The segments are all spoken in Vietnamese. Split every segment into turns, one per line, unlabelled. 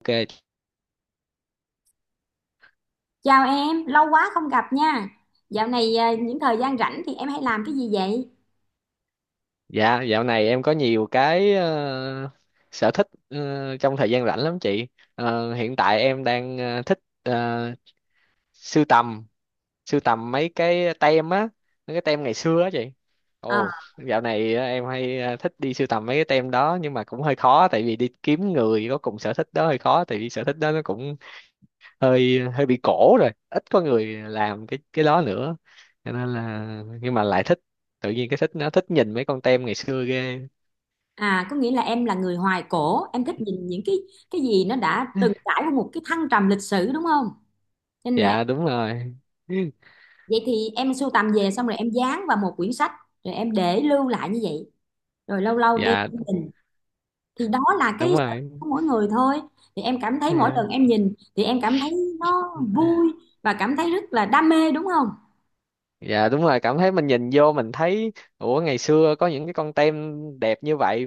Ok.
Chào em, lâu quá không gặp nha. Dạo này những thời gian rảnh thì em hay làm cái gì vậy?
Dạ, dạo này em có nhiều cái sở thích trong thời gian rảnh lắm chị. Hiện tại em đang thích sưu tầm, sưu tầm mấy cái tem á, mấy cái tem ngày xưa á chị.
Ờ,
Ồ, dạo này em hay thích đi sưu tầm mấy cái tem đó, nhưng mà cũng hơi khó tại vì đi kiếm người có cùng sở thích đó hơi khó, tại vì sở thích đó nó cũng hơi hơi bị cổ rồi, ít có người làm cái đó nữa. Cho nên là nhưng mà lại thích, tự nhiên cái thích nó thích nhìn mấy con tem ngày xưa ghê.
có nghĩa là em là người hoài cổ, em thích nhìn những cái gì nó đã từng trải qua một cái thăng trầm lịch sử đúng không? Cho nên là
Dạ đúng rồi.
vậy thì em sưu tầm về xong rồi em dán vào một quyển sách, rồi em để lưu lại như vậy. Rồi lâu lâu đem
Dạ
đi nhìn, thì đó là cái
đúng
sở
rồi.
thích của mỗi người thôi. Thì em cảm thấy mỗi
Dạ.
lần em nhìn thì em cảm thấy nó vui và cảm thấy rất là đam mê đúng không?
Dạ đúng rồi, cảm thấy mình nhìn vô mình thấy ủa ngày xưa có những cái con tem đẹp như vậy,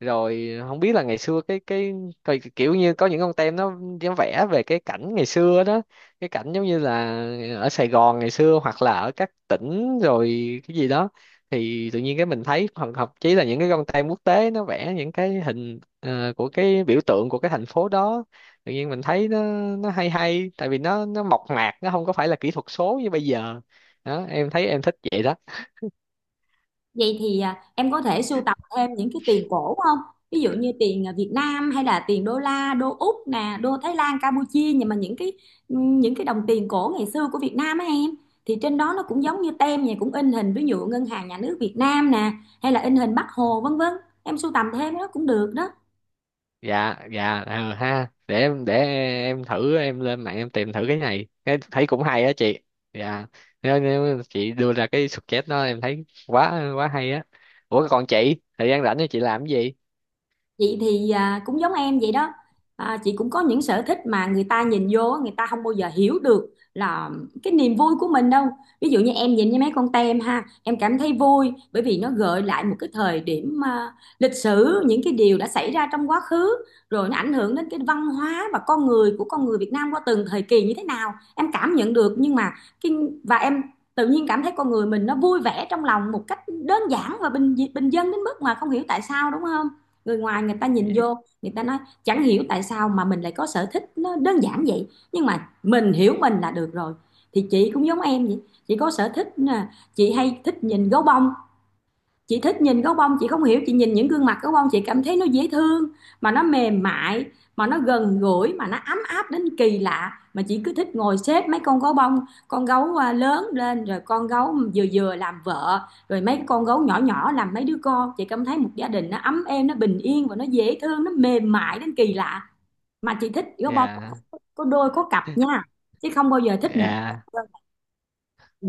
rồi không biết là ngày xưa cái coi kiểu như có những con tem nó vẽ về cái cảnh ngày xưa đó, cái cảnh giống như là ở Sài Gòn ngày xưa hoặc là ở các tỉnh rồi cái gì đó, thì tự nhiên cái mình thấy hoặc thậm chí là những cái con tem quốc tế nó vẽ những cái hình của cái biểu tượng của cái thành phố đó, tự nhiên mình thấy nó hay hay tại vì nó mộc mạc, nó không có phải là kỹ thuật số như bây giờ. Đó em thấy em thích vậy đó.
Vậy thì em có thể sưu tập thêm những cái tiền cổ không? Ví dụ như tiền Việt Nam hay là tiền đô la, đô Úc nè, đô Thái Lan, Campuchia, nhưng mà những cái đồng tiền cổ ngày xưa của Việt Nam á em, thì trên đó nó cũng giống như tem vậy, cũng in hình ví dụ Ngân hàng Nhà nước Việt Nam nè, hay là in hình Bác Hồ vân vân. Em sưu tầm thêm nó cũng được đó.
Dạ dạ, ờ ha, để em thử em lên mạng em tìm thử cái này cái thấy cũng hay á chị. Dạ, nếu chị đưa ra cái suggest đó em thấy quá quá hay á. Ủa còn chị thời gian rảnh thì chị làm cái gì?
Chị thì cũng giống em vậy đó. À, chị cũng có những sở thích mà người ta nhìn vô á, người ta không bao giờ hiểu được là cái niềm vui của mình đâu. Ví dụ như em nhìn với mấy con tem ha, em cảm thấy vui bởi vì nó gợi lại một cái thời điểm lịch sử, những cái điều đã xảy ra trong quá khứ rồi nó ảnh hưởng đến cái văn hóa và con người của con người Việt Nam qua từng thời kỳ như thế nào, em cảm nhận được. Nhưng mà cái và em tự nhiên cảm thấy con người mình nó vui vẻ trong lòng một cách đơn giản và bình bình dân đến mức mà không hiểu tại sao đúng không, người ngoài người ta nhìn vô người ta nói chẳng hiểu tại sao mà mình lại có sở thích nó đơn giản vậy, nhưng mà mình hiểu mình là được rồi. Thì chị cũng giống em vậy, chị có sở thích, chị hay thích nhìn gấu bông. Chị thích nhìn gấu bông, chị không hiểu, chị nhìn những gương mặt gấu bông chị cảm thấy nó dễ thương, mà nó mềm mại, mà nó gần gũi, mà nó ấm áp đến kỳ lạ. Mà chị cứ thích ngồi xếp mấy con gấu bông, con gấu lớn lên rồi con gấu vừa vừa làm vợ, rồi mấy con gấu nhỏ nhỏ làm mấy đứa con, chị cảm thấy một gia đình nó ấm êm, nó bình yên và nó dễ thương, nó mềm mại đến kỳ lạ. Mà chị thích gấu bông
Dạ.
có đôi có cặp nha, chứ không bao giờ thích một.
Dạ.
Ừ.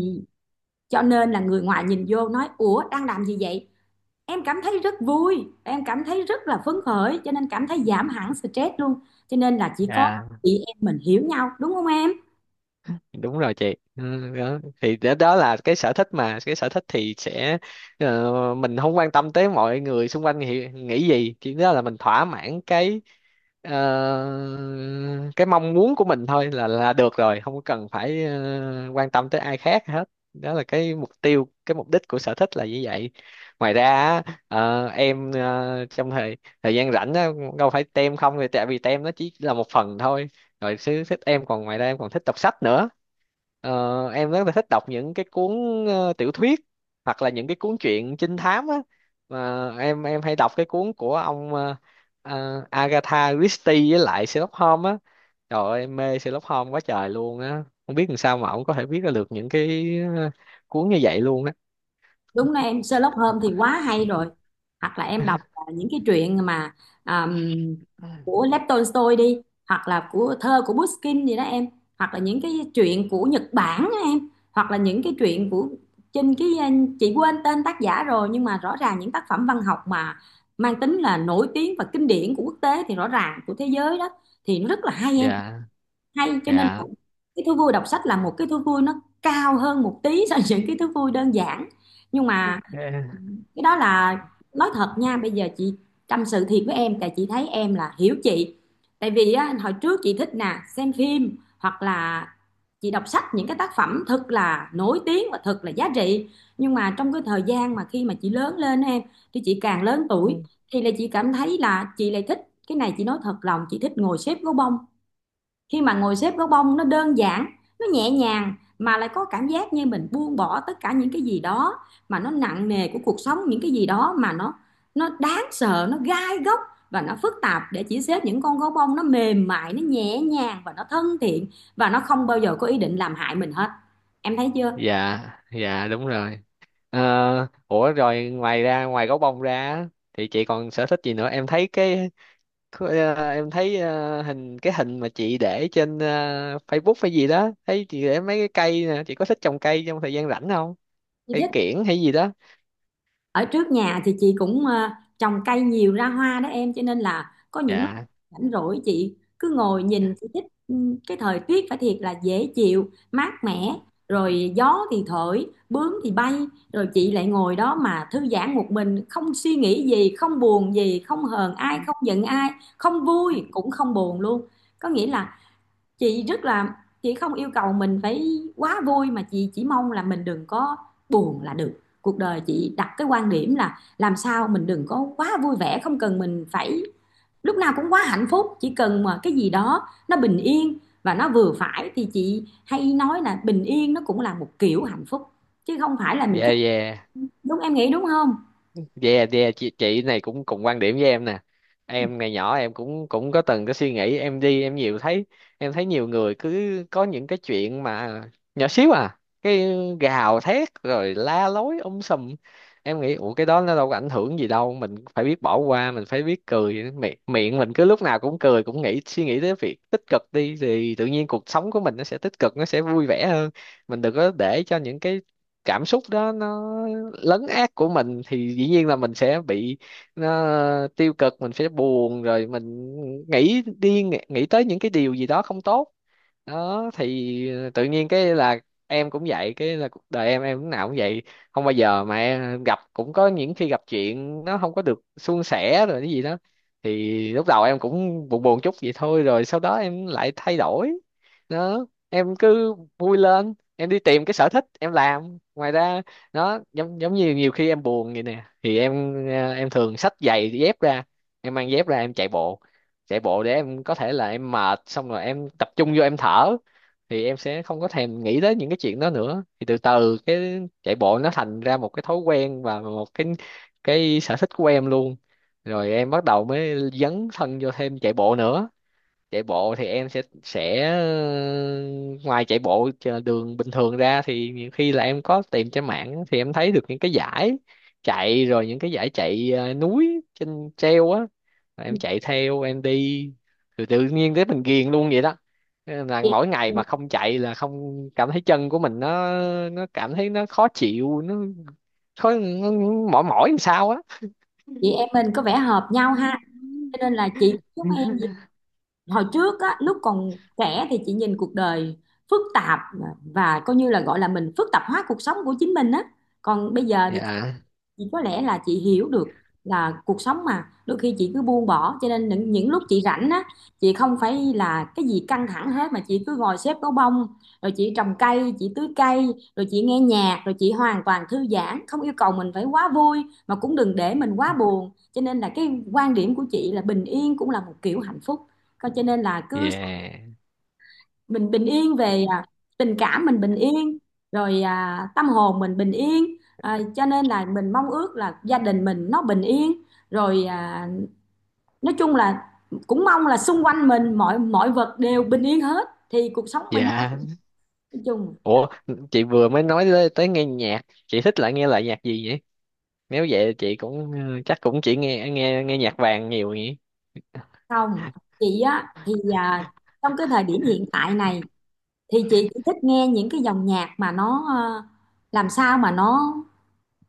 Cho nên là người ngoài nhìn vô nói ủa đang làm gì vậy, em cảm thấy rất vui, em cảm thấy rất là phấn khởi cho nên cảm thấy giảm hẳn stress luôn. Cho nên là chỉ có
Dạ
chị em mình hiểu nhau đúng không em.
đúng rồi chị. Ừ, đó. Thì đó, đó là cái sở thích, mà cái sở thích thì sẽ mình không quan tâm tới mọi người xung quanh nghĩ gì, chỉ đó là mình thỏa mãn cái ờ, cái mong muốn của mình thôi là được rồi, không cần phải quan tâm tới ai khác hết. Đó là cái mục tiêu cái mục đích của sở thích là như vậy. Ngoài ra á, em trong thời thời gian rảnh á, đâu phải tem không, thì tại vì tem nó chỉ là một phần thôi, rồi sở thích em còn ngoài ra em còn thích đọc sách nữa. Ờ, em rất là thích đọc những cái cuốn tiểu thuyết hoặc là những cái cuốn truyện trinh thám á, mà em hay đọc cái cuốn của ông Agatha Christie với lại Sherlock Holmes á. Trời ơi em mê Sherlock Holmes quá trời luôn á, không biết làm sao mà ông có thể viết ra được những cái ờ, cuốn như vậy luôn á.
Đúng là em, Sherlock Holmes thì quá hay rồi. Hoặc là em đọc những cái truyện mà um, của Lev Tolstoy đi, hoặc là của thơ của Pushkin gì đó em, hoặc là những cái truyện của Nhật Bản á em, hoặc là những cái truyện của trên cái chị quên tên tác giả rồi, nhưng mà rõ ràng những tác phẩm văn học mà mang tính là nổi tiếng và kinh điển của quốc tế thì rõ ràng của thế giới đó thì nó rất là hay em.
Dạ.
Hay cho nên là
Dạ.
cái thú vui đọc sách là một cái thú vui nó cao hơn một tí so với những cái thú vui đơn giản. Nhưng mà cái đó là, nói thật nha, bây giờ chị tâm sự thiệt với em tại chị thấy em là hiểu chị. Tại vì á, hồi trước chị thích nè xem phim, hoặc là chị đọc sách những cái tác phẩm thật là nổi tiếng và thật là giá trị. Nhưng mà trong cái thời gian mà khi mà chị lớn lên á em, thì chị càng lớn tuổi
Ừ.
thì là chị cảm thấy là chị lại thích cái này, chị nói thật lòng, chị thích ngồi xếp gấu bông. Khi mà ngồi xếp gấu bông nó đơn giản, nó nhẹ nhàng, mà lại có cảm giác như mình buông bỏ tất cả những cái gì đó mà nó nặng nề của cuộc sống, những cái gì đó mà nó đáng sợ, nó gai góc và nó phức tạp, để chỉ xếp những con gấu bông nó mềm mại, nó nhẹ nhàng và nó thân thiện, và nó không bao giờ có ý định làm hại mình hết. Em thấy chưa,
Dạ. Dạ đúng rồi. Ờ, ủa rồi ngoài ra ngoài gấu bông ra á, thì chị còn sở thích gì nữa em thấy cái. Thôi, à, em thấy à, hình cái hình mà chị để trên à, Facebook hay gì đó thấy chị để mấy cái cây nè, chị có thích trồng cây trong thời gian rảnh không?
như
Cây
thế.
kiểng hay gì đó.
Ở trước nhà thì chị cũng trồng cây nhiều ra hoa đó em, cho nên là có những lúc
Dạ.
rảnh rỗi chị cứ ngồi nhìn, chị thích cái thời tiết phải thiệt là dễ chịu mát mẻ, rồi gió thì thổi bướm thì bay, rồi chị lại ngồi đó mà thư giãn một mình, không suy nghĩ gì, không buồn gì, không hờn ai, không giận ai, không vui cũng không buồn luôn. Có nghĩa là chị rất là, chị không yêu cầu mình phải quá vui, mà chị chỉ mong là mình đừng có buồn là được. Cuộc đời chị đặt cái quan điểm là làm sao mình đừng có quá vui vẻ, không cần mình phải lúc nào cũng quá hạnh phúc, chỉ cần mà cái gì đó nó bình yên và nó vừa phải, thì chị hay nói là bình yên nó cũng là một kiểu hạnh phúc, chứ không phải là mình
Dạ.
cứ,
Dạ.
đúng em nghĩ đúng không.
Yeah, yeah, chị này cũng cùng quan điểm với em nè. Em ngày nhỏ em cũng cũng có từng cái suy nghĩ em đi em nhiều thấy, em thấy nhiều người cứ có những cái chuyện mà nhỏ xíu à, cái gào thét rồi la lối sùm. Em nghĩ ủa cái đó nó đâu có ảnh hưởng gì đâu, mình phải biết bỏ qua, mình phải biết cười, miệng miệng mình cứ lúc nào cũng cười, cũng nghĩ suy nghĩ tới việc tích cực đi thì tự nhiên cuộc sống của mình nó sẽ tích cực, nó sẽ vui vẻ hơn. Mình đừng có để cho những cái cảm xúc đó nó lấn át của mình thì dĩ nhiên là mình sẽ bị nó tiêu cực, mình sẽ buồn, rồi mình nghĩ đi nghĩ tới những cái điều gì đó không tốt. Đó thì tự nhiên cái là em cũng vậy, cái là cuộc đời em lúc nào cũng vậy, không bao giờ mà em gặp, cũng có những khi gặp chuyện nó không có được suôn sẻ rồi cái gì đó, thì lúc đầu em cũng buồn buồn chút vậy thôi, rồi sau đó em lại thay đổi. Đó em cứ vui lên em đi tìm cái sở thích em làm ngoài ra, nó giống giống như nhiều khi em buồn vậy nè thì em em thường xách giày dép ra, em mang dép ra em chạy bộ. Chạy bộ để em có thể là em mệt xong rồi em tập trung vô em thở, thì em sẽ không có thèm nghĩ tới những cái chuyện đó nữa, thì từ từ cái chạy bộ nó thành ra một cái thói quen và một cái sở thích của em luôn. Rồi em bắt đầu mới dấn thân vô thêm chạy bộ nữa. Chạy bộ thì em sẽ ngoài chạy bộ trên đường bình thường ra thì nhiều khi là em có tìm trên mạng thì em thấy được những cái giải chạy, rồi những cái giải chạy núi trên treo á. Rồi em chạy theo em đi, từ tự nhiên tới mình ghiền luôn vậy đó. Thế nên là
Chị,
mỗi ngày mà không chạy là không cảm thấy chân của mình nó cảm thấy nó khó chịu, nó khó, nó mỏi mỏi làm sao á.
chị em mình có vẻ hợp nhau ha, cho nên là chị giống em, hồi trước á lúc còn trẻ thì chị nhìn cuộc đời phức tạp, và coi như là gọi là mình phức tạp hóa cuộc sống của chính mình á. Còn bây giờ thì
Dạ.
chị có lẽ là chị hiểu được là cuộc sống mà đôi khi chị cứ buông bỏ, cho nên những lúc chị rảnh á, chị không phải là cái gì căng thẳng hết, mà chị cứ ngồi xếp gấu bông, rồi chị trồng cây, chị tưới cây, rồi chị nghe nhạc, rồi chị hoàn toàn thư giãn, không yêu cầu mình phải quá vui mà cũng đừng để mình quá buồn. Cho nên là cái quan điểm của chị là bình yên cũng là một kiểu hạnh phúc. Coi cho nên là cứ
Dạ.
mình bình yên về tình cảm mình bình yên, rồi tâm hồn mình bình yên, cho nên là mình mong ước là gia đình mình nó bình yên, rồi nói chung là cũng mong là xung quanh mình mọi mọi vật đều bình yên hết thì cuộc sống mình nó
Dạ.
nói chung.
Ủa, chị vừa mới nói tới, tới nghe nhạc, chị thích lại nghe lại nhạc gì vậy? Nếu vậy chị cũng ừ, chắc cũng chỉ nghe nghe nghe nhạc vàng nhiều nhỉ?
Không, chị á thì trong cái thời điểm hiện tại này thì chị chỉ thích nghe những cái dòng nhạc mà nó làm sao mà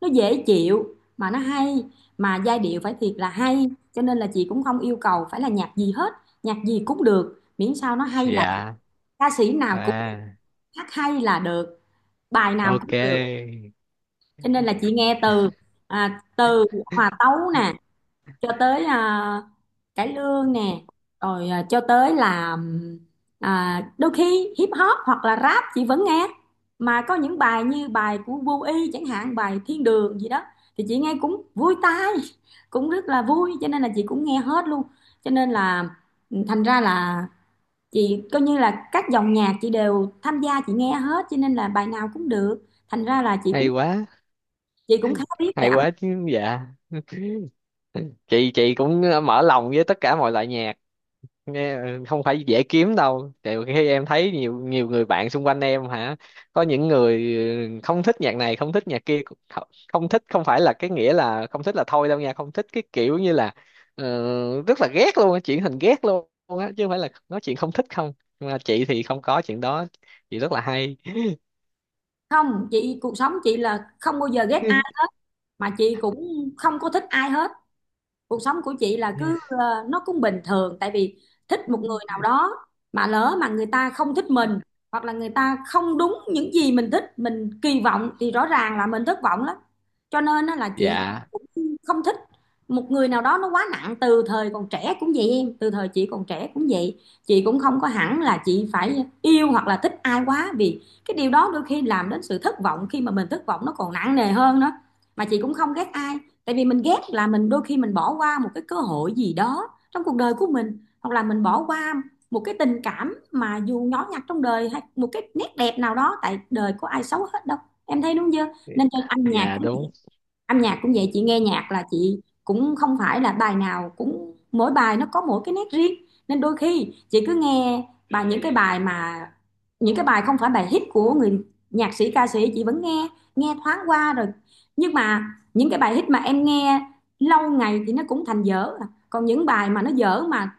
nó dễ chịu mà nó hay, mà giai điệu phải thiệt là hay. Cho nên là chị cũng không yêu cầu phải là nhạc gì hết, nhạc gì cũng được miễn sao nó hay là,
Dạ.
ca sĩ nào cũng được,
À,
hát hay là được, bài nào cũng
ok.
được. Cho nên là chị nghe từ từ hòa tấu nè, cho tới cải lương nè, rồi cho tới là đôi khi hip hop hoặc là rap chị vẫn nghe. Mà có những bài như bài của Vô Y chẳng hạn, bài Thiên Đường gì đó, thì chị nghe cũng vui tai, cũng rất là vui, cho nên là chị cũng nghe hết luôn. Cho nên là thành ra là chị coi như là các dòng nhạc chị đều tham gia, chị nghe hết, cho nên là bài nào cũng được, thành ra là chị
Hay
cũng,
quá,
chị cũng khá biết về
hay
âm
quá
nhạc.
chứ dạ. Chị cũng mở lòng với tất cả mọi loại nhạc. Nghe không phải dễ kiếm đâu, tại khi em thấy nhiều nhiều người bạn xung quanh em hả, có những người ừ, không thích nhạc này không thích nhạc kia, không không thích không phải là cái nghĩa là không thích là thôi đâu nha, không thích cái kiểu như là ờ, rất là ghét luôn á, chuyển thành ghét luôn á, chứ không phải là nói chuyện không thích không. Nhưng mà chị thì không có chuyện đó, chị rất là hay.
Không, chị cuộc sống chị là không bao giờ ghét, mà chị cũng không có thích ai hết. Cuộc sống của chị là
Yeah.
cứ nó cũng bình thường, tại vì thích một người nào đó mà lỡ mà người ta không thích mình, hoặc là người ta không đúng những gì mình thích mình kỳ vọng, thì rõ ràng là mình thất vọng lắm. Cho nên á là chị
Dạ
cũng không thích một người nào đó nó quá nặng, từ thời còn trẻ cũng vậy em, từ thời chị còn trẻ cũng vậy, chị cũng không có hẳn là chị phải yêu hoặc là thích ai quá, vì cái điều đó đôi khi làm đến sự thất vọng, khi mà mình thất vọng nó còn nặng nề hơn nữa. Mà chị cũng không ghét ai, tại vì mình ghét là mình đôi khi mình bỏ qua một cái cơ hội gì đó trong cuộc đời của mình, hoặc là mình bỏ qua một cái tình cảm mà dù nhỏ nhặt trong đời, hay một cái nét đẹp nào đó, tại đời có ai xấu hết đâu. Em thấy đúng chưa, nên cho âm nhạc,
dạ đúng.
âm nhạc cũng vậy, chị nghe nhạc là chị cũng không phải là bài nào cũng, mỗi bài nó có mỗi cái nét riêng. Nên đôi khi chị cứ nghe bài những cái bài mà những cái bài không phải bài hit của người nhạc sĩ ca sĩ, chị vẫn nghe, nghe thoáng qua rồi. Nhưng mà những cái bài hit mà em nghe lâu ngày thì nó cũng thành dở à. Còn những bài mà nó dở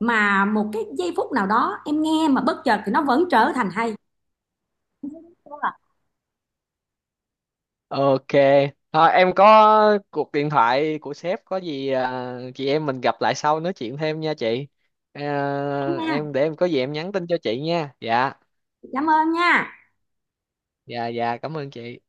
mà một cái giây phút nào đó em nghe mà bất chợt thì nó vẫn trở thành hay. Đúng rồi.
Ok, thôi em có cuộc điện thoại của sếp, có gì à, chị em mình gặp lại sau nói chuyện thêm nha chị. À,
Em nha,
em để em có gì em nhắn tin cho chị nha. Dạ,
cảm ơn nha.
dạ dạ cảm ơn chị.